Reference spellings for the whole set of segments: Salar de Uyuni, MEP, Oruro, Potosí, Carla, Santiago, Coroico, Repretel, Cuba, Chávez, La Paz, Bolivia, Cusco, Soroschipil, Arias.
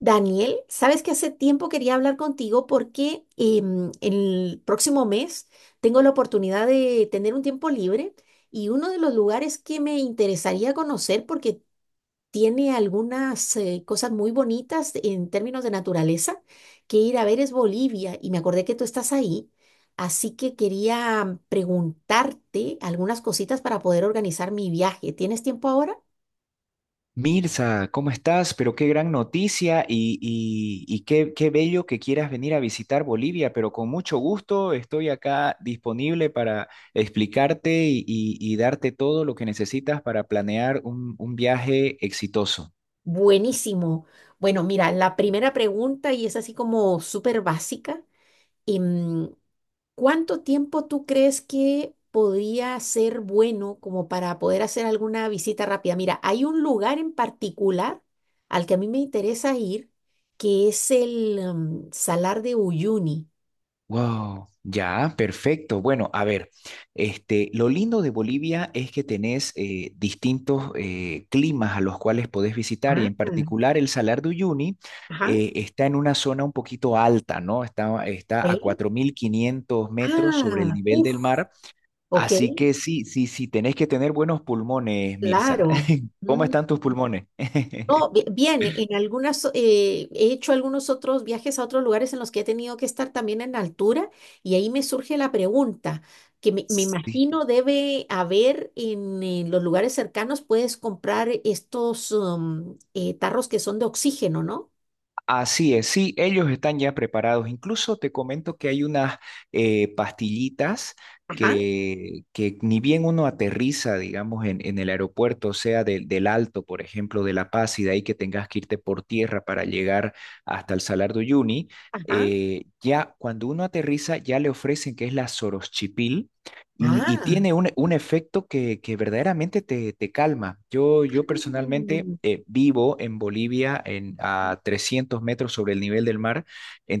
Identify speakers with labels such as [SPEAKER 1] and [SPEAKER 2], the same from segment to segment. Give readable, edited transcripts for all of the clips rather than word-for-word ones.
[SPEAKER 1] Daniel, sabes que hace tiempo quería hablar contigo porque el próximo mes tengo la oportunidad de tener un tiempo libre y uno de los lugares que me interesaría conocer porque tiene algunas cosas muy bonitas en términos de naturaleza que ir a ver es Bolivia, y me acordé que tú estás ahí, así que quería preguntarte algunas cositas para poder organizar mi viaje. ¿Tienes tiempo ahora?
[SPEAKER 2] Mirza, ¿cómo estás? Pero qué gran noticia y qué bello que quieras venir a visitar Bolivia, pero con mucho gusto estoy acá disponible para explicarte y darte todo lo que necesitas para planear un viaje exitoso.
[SPEAKER 1] Buenísimo. Bueno, mira, la primera pregunta, y es así como súper básica, em, ¿cuánto tiempo tú crees que podría ser bueno como para poder hacer alguna visita rápida? Mira, hay un lugar en particular al que a mí me interesa ir, que es el, Salar de Uyuni.
[SPEAKER 2] Wow, ya, perfecto. Bueno, a ver, lo lindo de Bolivia es que tenés distintos climas a los cuales podés visitar, y
[SPEAKER 1] Ah,
[SPEAKER 2] en particular el Salar de Uyuni
[SPEAKER 1] ajá.
[SPEAKER 2] está en una zona un poquito alta, ¿no? Está a
[SPEAKER 1] Ok.
[SPEAKER 2] 4.500 metros sobre el
[SPEAKER 1] Ah,
[SPEAKER 2] nivel
[SPEAKER 1] uf,
[SPEAKER 2] del mar,
[SPEAKER 1] ok,
[SPEAKER 2] así que sí, sí, sí, tenés que tener buenos pulmones, Mirza.
[SPEAKER 1] claro.
[SPEAKER 2] ¿Cómo
[SPEAKER 1] Mm.
[SPEAKER 2] están tus pulmones?
[SPEAKER 1] No, bien, he hecho algunos otros viajes a otros lugares en los que he tenido que estar también en altura, y ahí me surge la pregunta, que me
[SPEAKER 2] Sí.
[SPEAKER 1] imagino debe haber en, los lugares cercanos, puedes comprar estos tarros que son de oxígeno, ¿no?
[SPEAKER 2] Así es, sí, ellos están ya preparados. Incluso te comento que hay unas pastillitas
[SPEAKER 1] Ajá,
[SPEAKER 2] que ni bien uno aterriza, digamos, en el aeropuerto, o sea, del Alto, por ejemplo, de La Paz, y de ahí que tengas que irte por tierra para llegar hasta el Salar de Uyuni.
[SPEAKER 1] ajá,
[SPEAKER 2] Eh, ya cuando uno aterriza ya le ofrecen que es la Soroschipil, y
[SPEAKER 1] ah,
[SPEAKER 2] tiene un efecto que verdaderamente te calma. Yo personalmente
[SPEAKER 1] mm,
[SPEAKER 2] vivo en Bolivia a 300 metros sobre el nivel del mar.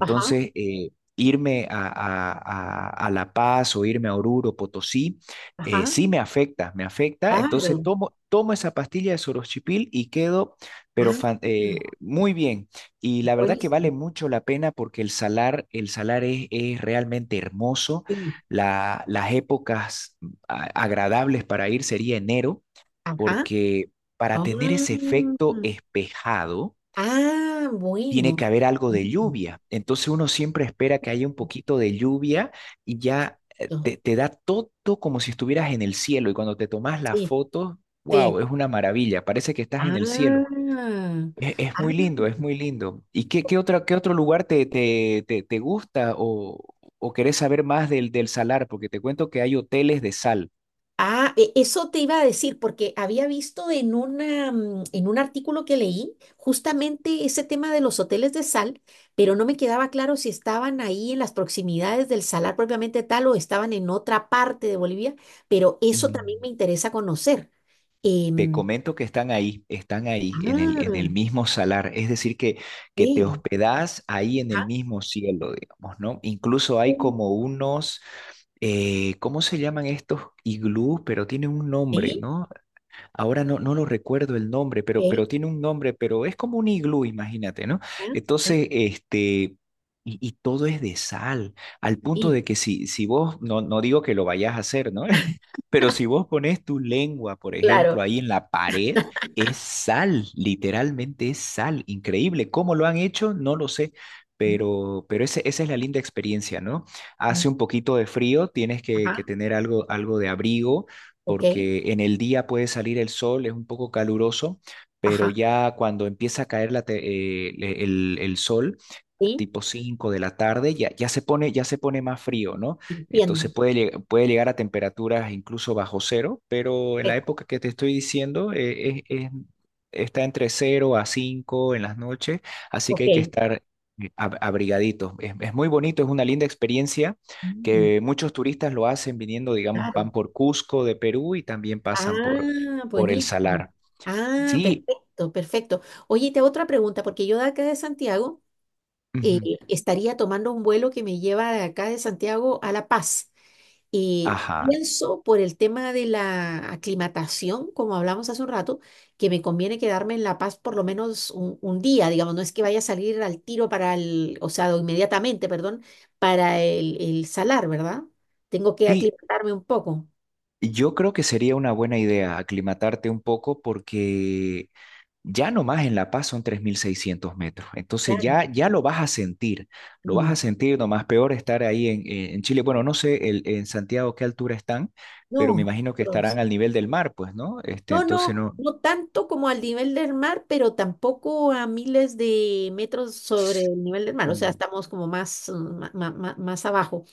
[SPEAKER 1] ajá,
[SPEAKER 2] irme a La Paz, o irme a Oruro, Potosí,
[SPEAKER 1] ajá,
[SPEAKER 2] sí me afecta, me afecta. Entonces
[SPEAKER 1] claro,
[SPEAKER 2] tomo esa pastilla de soroxipil y quedo, pero
[SPEAKER 1] ah,
[SPEAKER 2] muy bien. Y la verdad que vale
[SPEAKER 1] buenísimo,
[SPEAKER 2] mucho la pena, porque el salar, el salar es realmente hermoso.
[SPEAKER 1] sí,
[SPEAKER 2] La- las épocas agradables para ir sería enero,
[SPEAKER 1] ajá,
[SPEAKER 2] porque para
[SPEAKER 1] ah,
[SPEAKER 2] tener ese efecto espejado,
[SPEAKER 1] ah,
[SPEAKER 2] tiene
[SPEAKER 1] bueno.
[SPEAKER 2] que haber algo de lluvia. Entonces uno siempre espera que haya un poquito de lluvia, y ya
[SPEAKER 1] Exacto,
[SPEAKER 2] te da todo como si estuvieras en el cielo. Y cuando te tomas la
[SPEAKER 1] sí,
[SPEAKER 2] foto,
[SPEAKER 1] sí.
[SPEAKER 2] wow, es una maravilla, parece que estás en el cielo.
[SPEAKER 1] Ah,
[SPEAKER 2] Es
[SPEAKER 1] ah,
[SPEAKER 2] muy lindo, es muy lindo. ¿Y qué, qué otro lugar te gusta, o querés saber más del salar? Porque te cuento que hay hoteles de sal.
[SPEAKER 1] ah, eso te iba a decir, porque había visto en un artículo que leí justamente ese tema de los hoteles de sal, pero no me quedaba claro si estaban ahí en las proximidades del salar propiamente tal o estaban en otra parte de Bolivia, pero eso también
[SPEAKER 2] Mm,
[SPEAKER 1] me interesa conocer.
[SPEAKER 2] Te
[SPEAKER 1] Em,
[SPEAKER 2] comento que están ahí, en el, en
[SPEAKER 1] ah,
[SPEAKER 2] el mismo salar. Es decir, que te
[SPEAKER 1] sí,
[SPEAKER 2] hospedás ahí en el
[SPEAKER 1] ah,
[SPEAKER 2] mismo cielo, digamos, ¿no? Incluso hay como unos, ¿cómo se llaman estos iglú? Pero tienen un nombre,
[SPEAKER 1] sí,
[SPEAKER 2] ¿no? Ahora no lo recuerdo el nombre, pero,
[SPEAKER 1] sí,
[SPEAKER 2] pero tiene un nombre, pero es como un iglú, imagínate, ¿no?
[SPEAKER 1] ah,
[SPEAKER 2] Entonces. Y todo es de sal, al punto
[SPEAKER 1] sí.
[SPEAKER 2] de que si vos, no, no digo que lo vayas a hacer, ¿no? Pero si vos pones tu lengua, por ejemplo,
[SPEAKER 1] Claro.
[SPEAKER 2] ahí en la pared, es sal, literalmente es sal, increíble. ¿Cómo lo han hecho? No lo sé,
[SPEAKER 1] Mm,
[SPEAKER 2] pero esa es la linda experiencia, ¿no?
[SPEAKER 1] mm,
[SPEAKER 2] Hace un poquito de frío, tienes que,
[SPEAKER 1] ajá,
[SPEAKER 2] que tener algo, algo de abrigo,
[SPEAKER 1] ok.
[SPEAKER 2] porque en el día puede salir el sol, es un poco caluroso, pero
[SPEAKER 1] Ajá,
[SPEAKER 2] ya cuando empieza a caer el sol,
[SPEAKER 1] sí,
[SPEAKER 2] tipo 5 de la tarde, ya se pone, ya se pone más frío, ¿no? Entonces
[SPEAKER 1] entiendo.
[SPEAKER 2] puede llegar a temperaturas incluso bajo cero, pero en
[SPEAKER 1] Eh,
[SPEAKER 2] la época que te estoy diciendo está entre cero a 5 en las noches, así que hay que
[SPEAKER 1] ok.
[SPEAKER 2] estar abrigaditos. Es muy bonito, es una linda experiencia
[SPEAKER 1] Mm,
[SPEAKER 2] que muchos turistas lo hacen viniendo, digamos, van
[SPEAKER 1] claro.
[SPEAKER 2] por Cusco de Perú y también pasan por,
[SPEAKER 1] Ah,
[SPEAKER 2] por el
[SPEAKER 1] buenísimo.
[SPEAKER 2] Salar.
[SPEAKER 1] Ah,
[SPEAKER 2] Sí,
[SPEAKER 1] perfecto, perfecto. Oye, y te hago otra pregunta, porque yo de acá de Santiago eh,
[SPEAKER 2] ujú,
[SPEAKER 1] estaría tomando un vuelo que me lleva de acá de Santiago a La Paz. Y
[SPEAKER 2] ajá.
[SPEAKER 1] pienso por el tema de la aclimatación, como hablamos hace un rato, que me conviene quedarme en La Paz por lo menos un día, digamos, no es que vaya a salir al tiro para el, o sea, o inmediatamente, perdón, para el salar, ¿verdad? Tengo que
[SPEAKER 2] Sí,
[SPEAKER 1] aclimatarme un poco,
[SPEAKER 2] yo creo que sería una buena idea aclimatarte un poco, porque ya nomás en La Paz son 3.600 metros, entonces
[SPEAKER 1] claro.
[SPEAKER 2] ya lo vas a sentir, lo vas
[SPEAKER 1] Mm.
[SPEAKER 2] a sentir, nomás peor estar ahí en Chile. Bueno, no sé en Santiago qué altura están, pero me
[SPEAKER 1] No,
[SPEAKER 2] imagino que estarán
[SPEAKER 1] bronce.
[SPEAKER 2] al nivel del mar, pues, ¿no?
[SPEAKER 1] No,
[SPEAKER 2] Entonces
[SPEAKER 1] no,
[SPEAKER 2] no.
[SPEAKER 1] no tanto como al nivel del mar, pero tampoco a miles de metros sobre el nivel del mar, o sea,
[SPEAKER 2] Mm.
[SPEAKER 1] estamos como más, más abajo.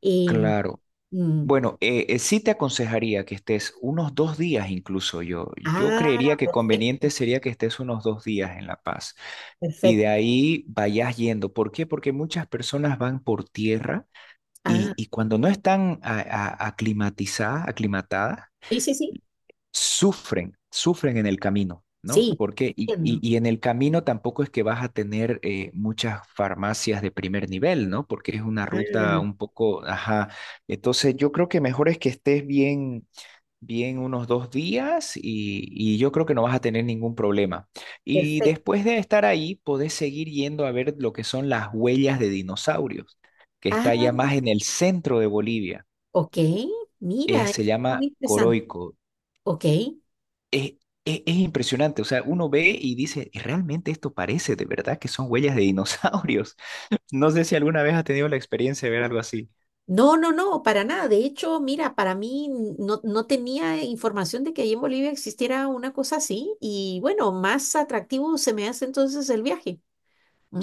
[SPEAKER 1] Em,
[SPEAKER 2] Claro.
[SPEAKER 1] Mm.
[SPEAKER 2] Bueno, sí te aconsejaría que estés unos 2 días, incluso yo. Yo
[SPEAKER 1] Ah,
[SPEAKER 2] creería que
[SPEAKER 1] perfecto,
[SPEAKER 2] conveniente sería que estés unos dos días en La Paz, y de
[SPEAKER 1] perfecto.
[SPEAKER 2] ahí vayas yendo. ¿Por qué? Porque muchas personas van por tierra,
[SPEAKER 1] Ah,
[SPEAKER 2] y cuando no están aclimatadas,
[SPEAKER 1] sí, sí, sí,
[SPEAKER 2] sufren, sufren en el camino, ¿no?
[SPEAKER 1] sí,
[SPEAKER 2] Porque, y, y-
[SPEAKER 1] entiendo.
[SPEAKER 2] y en el camino tampoco es que vas a tener muchas farmacias de primer nivel, ¿no? Porque es una ruta
[SPEAKER 1] Ah,
[SPEAKER 2] un poco, ajá. Entonces yo creo que mejor es que estés bien bien unos 2 días, y yo creo que no vas a tener ningún problema. Y
[SPEAKER 1] perfecto.
[SPEAKER 2] después de estar ahí, podés seguir yendo a ver lo que son las huellas de dinosaurios, que está
[SPEAKER 1] Ah,
[SPEAKER 2] ya más en el centro de Bolivia.
[SPEAKER 1] ok,
[SPEAKER 2] Eh,
[SPEAKER 1] mira,
[SPEAKER 2] se
[SPEAKER 1] eso está
[SPEAKER 2] llama
[SPEAKER 1] muy interesante.
[SPEAKER 2] Coroico.
[SPEAKER 1] Ok,
[SPEAKER 2] Es, es impresionante, o sea, uno ve y dice, realmente esto parece de verdad que son huellas de dinosaurios. No sé si alguna vez has tenido la experiencia de ver algo así.
[SPEAKER 1] no, no, no, para nada. De hecho, mira, para mí no, no tenía información de que ahí en Bolivia existiera una cosa así, y bueno, más atractivo se me hace entonces el viaje.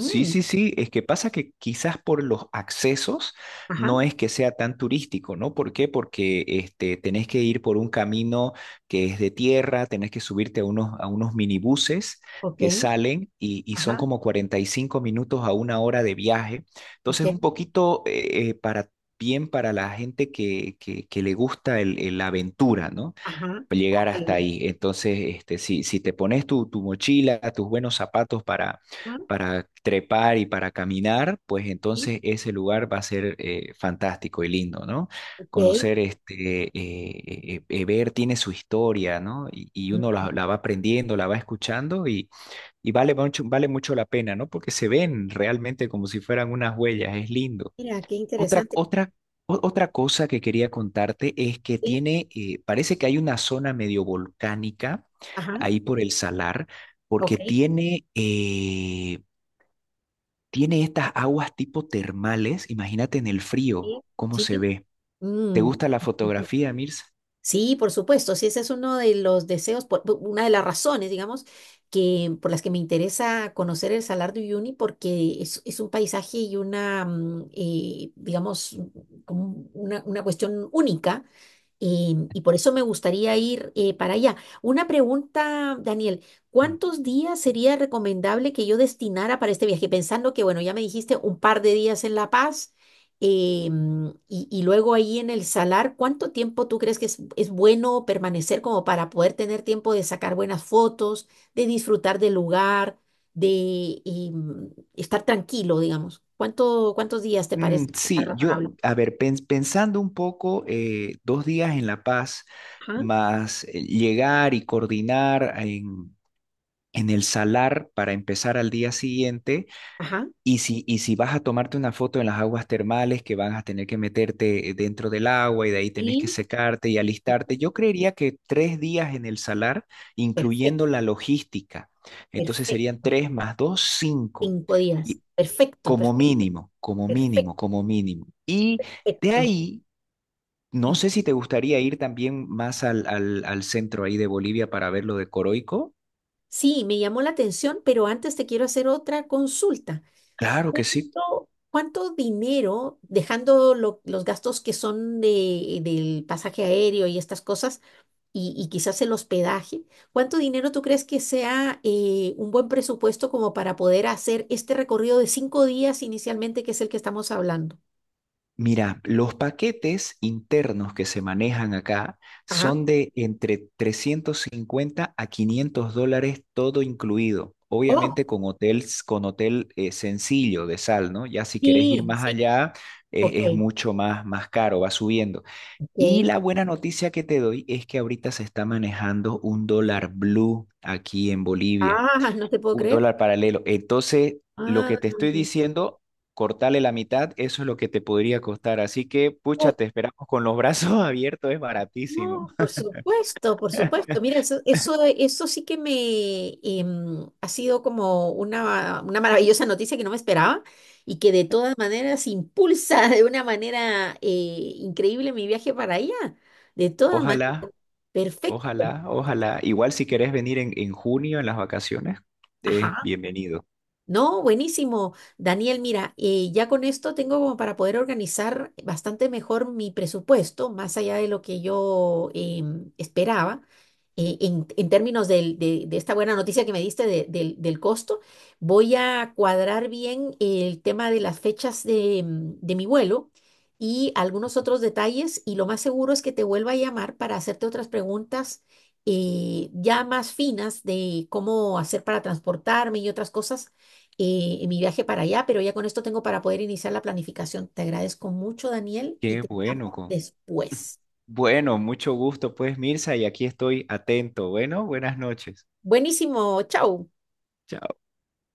[SPEAKER 2] Sí, sí, sí, es que pasa que quizás por los accesos
[SPEAKER 1] ajá,
[SPEAKER 2] no es que sea tan turístico, ¿no? ¿Por qué? Porque tenés que ir por un camino que es de tierra, tenés que subirte a unos, minibuses
[SPEAKER 1] ok,
[SPEAKER 2] que salen, y son
[SPEAKER 1] ajá,
[SPEAKER 2] como 45 minutos a una hora de viaje. Entonces, un
[SPEAKER 1] ok,
[SPEAKER 2] poquito bien para la gente que le gusta la aventura, ¿no?
[SPEAKER 1] ajá, ok,
[SPEAKER 2] Llegar hasta ahí. Entonces, si te pones tu, mochila, tus buenos zapatos para,
[SPEAKER 1] ajá,
[SPEAKER 2] para trepar y para caminar, pues
[SPEAKER 1] sí,
[SPEAKER 2] entonces ese lugar va a ser fantástico y lindo, ¿no?
[SPEAKER 1] ok.
[SPEAKER 2] Conocer ver tiene su historia, ¿no? Y uno
[SPEAKER 1] Mm.
[SPEAKER 2] la va aprendiendo, la va escuchando, y vale mucho la pena, ¿no? Porque se ven realmente como si fueran unas huellas, es lindo.
[SPEAKER 1] Mira, qué
[SPEAKER 2] Otra,
[SPEAKER 1] interesante.
[SPEAKER 2] otra, otra cosa que quería contarte es que
[SPEAKER 1] Sí,
[SPEAKER 2] tiene, parece que hay una zona medio volcánica
[SPEAKER 1] ajá,
[SPEAKER 2] ahí por el salar,
[SPEAKER 1] ok.
[SPEAKER 2] porque tiene estas aguas tipo termales. Imagínate en el frío
[SPEAKER 1] Sí,
[SPEAKER 2] cómo se
[SPEAKER 1] sí.
[SPEAKER 2] ve. ¿Te
[SPEAKER 1] Mm.
[SPEAKER 2] gusta la fotografía, Mirza?
[SPEAKER 1] Sí, por supuesto. Sí, ese es uno de los deseos, una de las razones, digamos, que por las que me interesa conocer el Salar de Uyuni, porque es un paisaje y una, digamos, como una cuestión única. Y por eso me gustaría ir para allá. Una pregunta, Daniel,
[SPEAKER 2] Mm,
[SPEAKER 1] ¿cuántos días sería recomendable que yo destinara para este viaje? Pensando que, bueno, ya me dijiste un par de días en La Paz, y luego ahí en el Salar, ¿cuánto tiempo tú crees que es bueno permanecer como para poder tener tiempo de sacar buenas fotos, de disfrutar del lugar, de estar tranquilo, digamos? ¿Cuántos días te parece
[SPEAKER 2] Sí,
[SPEAKER 1] razonable?
[SPEAKER 2] a ver, pensando un poco, dos días en La Paz,
[SPEAKER 1] Ajá,
[SPEAKER 2] más llegar y coordinar en el Salar para empezar al día siguiente.
[SPEAKER 1] ajá,
[SPEAKER 2] Y si vas a tomarte una foto en las aguas termales, que van a tener que meterte dentro del agua, y de ahí tenés que
[SPEAKER 1] y
[SPEAKER 2] secarte y alistarte, yo creería que 3 días en el salar, incluyendo
[SPEAKER 1] perfecto.
[SPEAKER 2] la logística. Entonces serían
[SPEAKER 1] Perfecto,
[SPEAKER 2] tres más dos, cinco.
[SPEAKER 1] 5 días.
[SPEAKER 2] Y
[SPEAKER 1] Perfecto,
[SPEAKER 2] como
[SPEAKER 1] perfecto,
[SPEAKER 2] mínimo, como mínimo, como mínimo. Y de
[SPEAKER 1] perfecto.
[SPEAKER 2] ahí, no sé
[SPEAKER 1] Mm.
[SPEAKER 2] si te gustaría ir también más al, al centro ahí de Bolivia, para ver lo de Coroico.
[SPEAKER 1] Sí, me llamó la atención, pero antes te quiero hacer otra consulta.
[SPEAKER 2] Claro que sí.
[SPEAKER 1] ¿Cuánto dinero, dejando los gastos que son del pasaje aéreo y estas cosas, y, quizás el hospedaje, cuánto dinero tú crees que sea un buen presupuesto como para poder hacer este recorrido de 5 días inicialmente, que es el que estamos hablando?
[SPEAKER 2] Mira, los paquetes internos que se manejan acá
[SPEAKER 1] Ajá.
[SPEAKER 2] son de entre 350 a $500 todo incluido.
[SPEAKER 1] Oh,
[SPEAKER 2] Obviamente con con hotel sencillo de sal, ¿no? Ya si querés ir
[SPEAKER 1] sí,
[SPEAKER 2] más
[SPEAKER 1] sí.
[SPEAKER 2] allá,
[SPEAKER 1] Ok,
[SPEAKER 2] es mucho más, más caro, va subiendo. Y
[SPEAKER 1] ok.
[SPEAKER 2] la buena noticia que te doy es que ahorita se está manejando un dólar blue aquí en Bolivia.
[SPEAKER 1] Ah, no te puedo
[SPEAKER 2] Un
[SPEAKER 1] creer.
[SPEAKER 2] dólar paralelo. Entonces, lo
[SPEAKER 1] Ah,
[SPEAKER 2] que te estoy diciendo, cortarle la mitad, eso es lo que te podría costar. Así que, pucha,
[SPEAKER 1] oh,
[SPEAKER 2] te esperamos con los brazos abiertos, es baratísimo.
[SPEAKER 1] no, por supuesto, por supuesto. Mira, eso sí que me ha sido como una maravillosa noticia que no me esperaba, y que de todas maneras impulsa de una manera increíble mi viaje para allá. De todas maneras,
[SPEAKER 2] Ojalá,
[SPEAKER 1] perfecto.
[SPEAKER 2] ojalá, ojalá. Igual si querés venir en junio, en las vacaciones, es
[SPEAKER 1] Ajá.
[SPEAKER 2] bienvenido.
[SPEAKER 1] No, buenísimo. Daniel, mira, ya con esto tengo como para poder organizar bastante mejor mi presupuesto, más allá de lo que yo esperaba, en términos de esta buena noticia que me diste del costo. Voy a cuadrar bien el tema de las fechas de mi vuelo, y algunos otros detalles, y lo más seguro es que te vuelva a llamar para hacerte otras preguntas, ya más finas de cómo hacer para transportarme y otras cosas en mi viaje para allá, pero ya con esto tengo para poder iniciar la planificación. Te agradezco mucho, Daniel, y
[SPEAKER 2] Qué
[SPEAKER 1] te
[SPEAKER 2] bueno,
[SPEAKER 1] llamo
[SPEAKER 2] con...
[SPEAKER 1] después.
[SPEAKER 2] Bueno, mucho gusto, pues, Mirza, y aquí estoy atento. Bueno, buenas noches.
[SPEAKER 1] Buenísimo, chao.
[SPEAKER 2] Chao.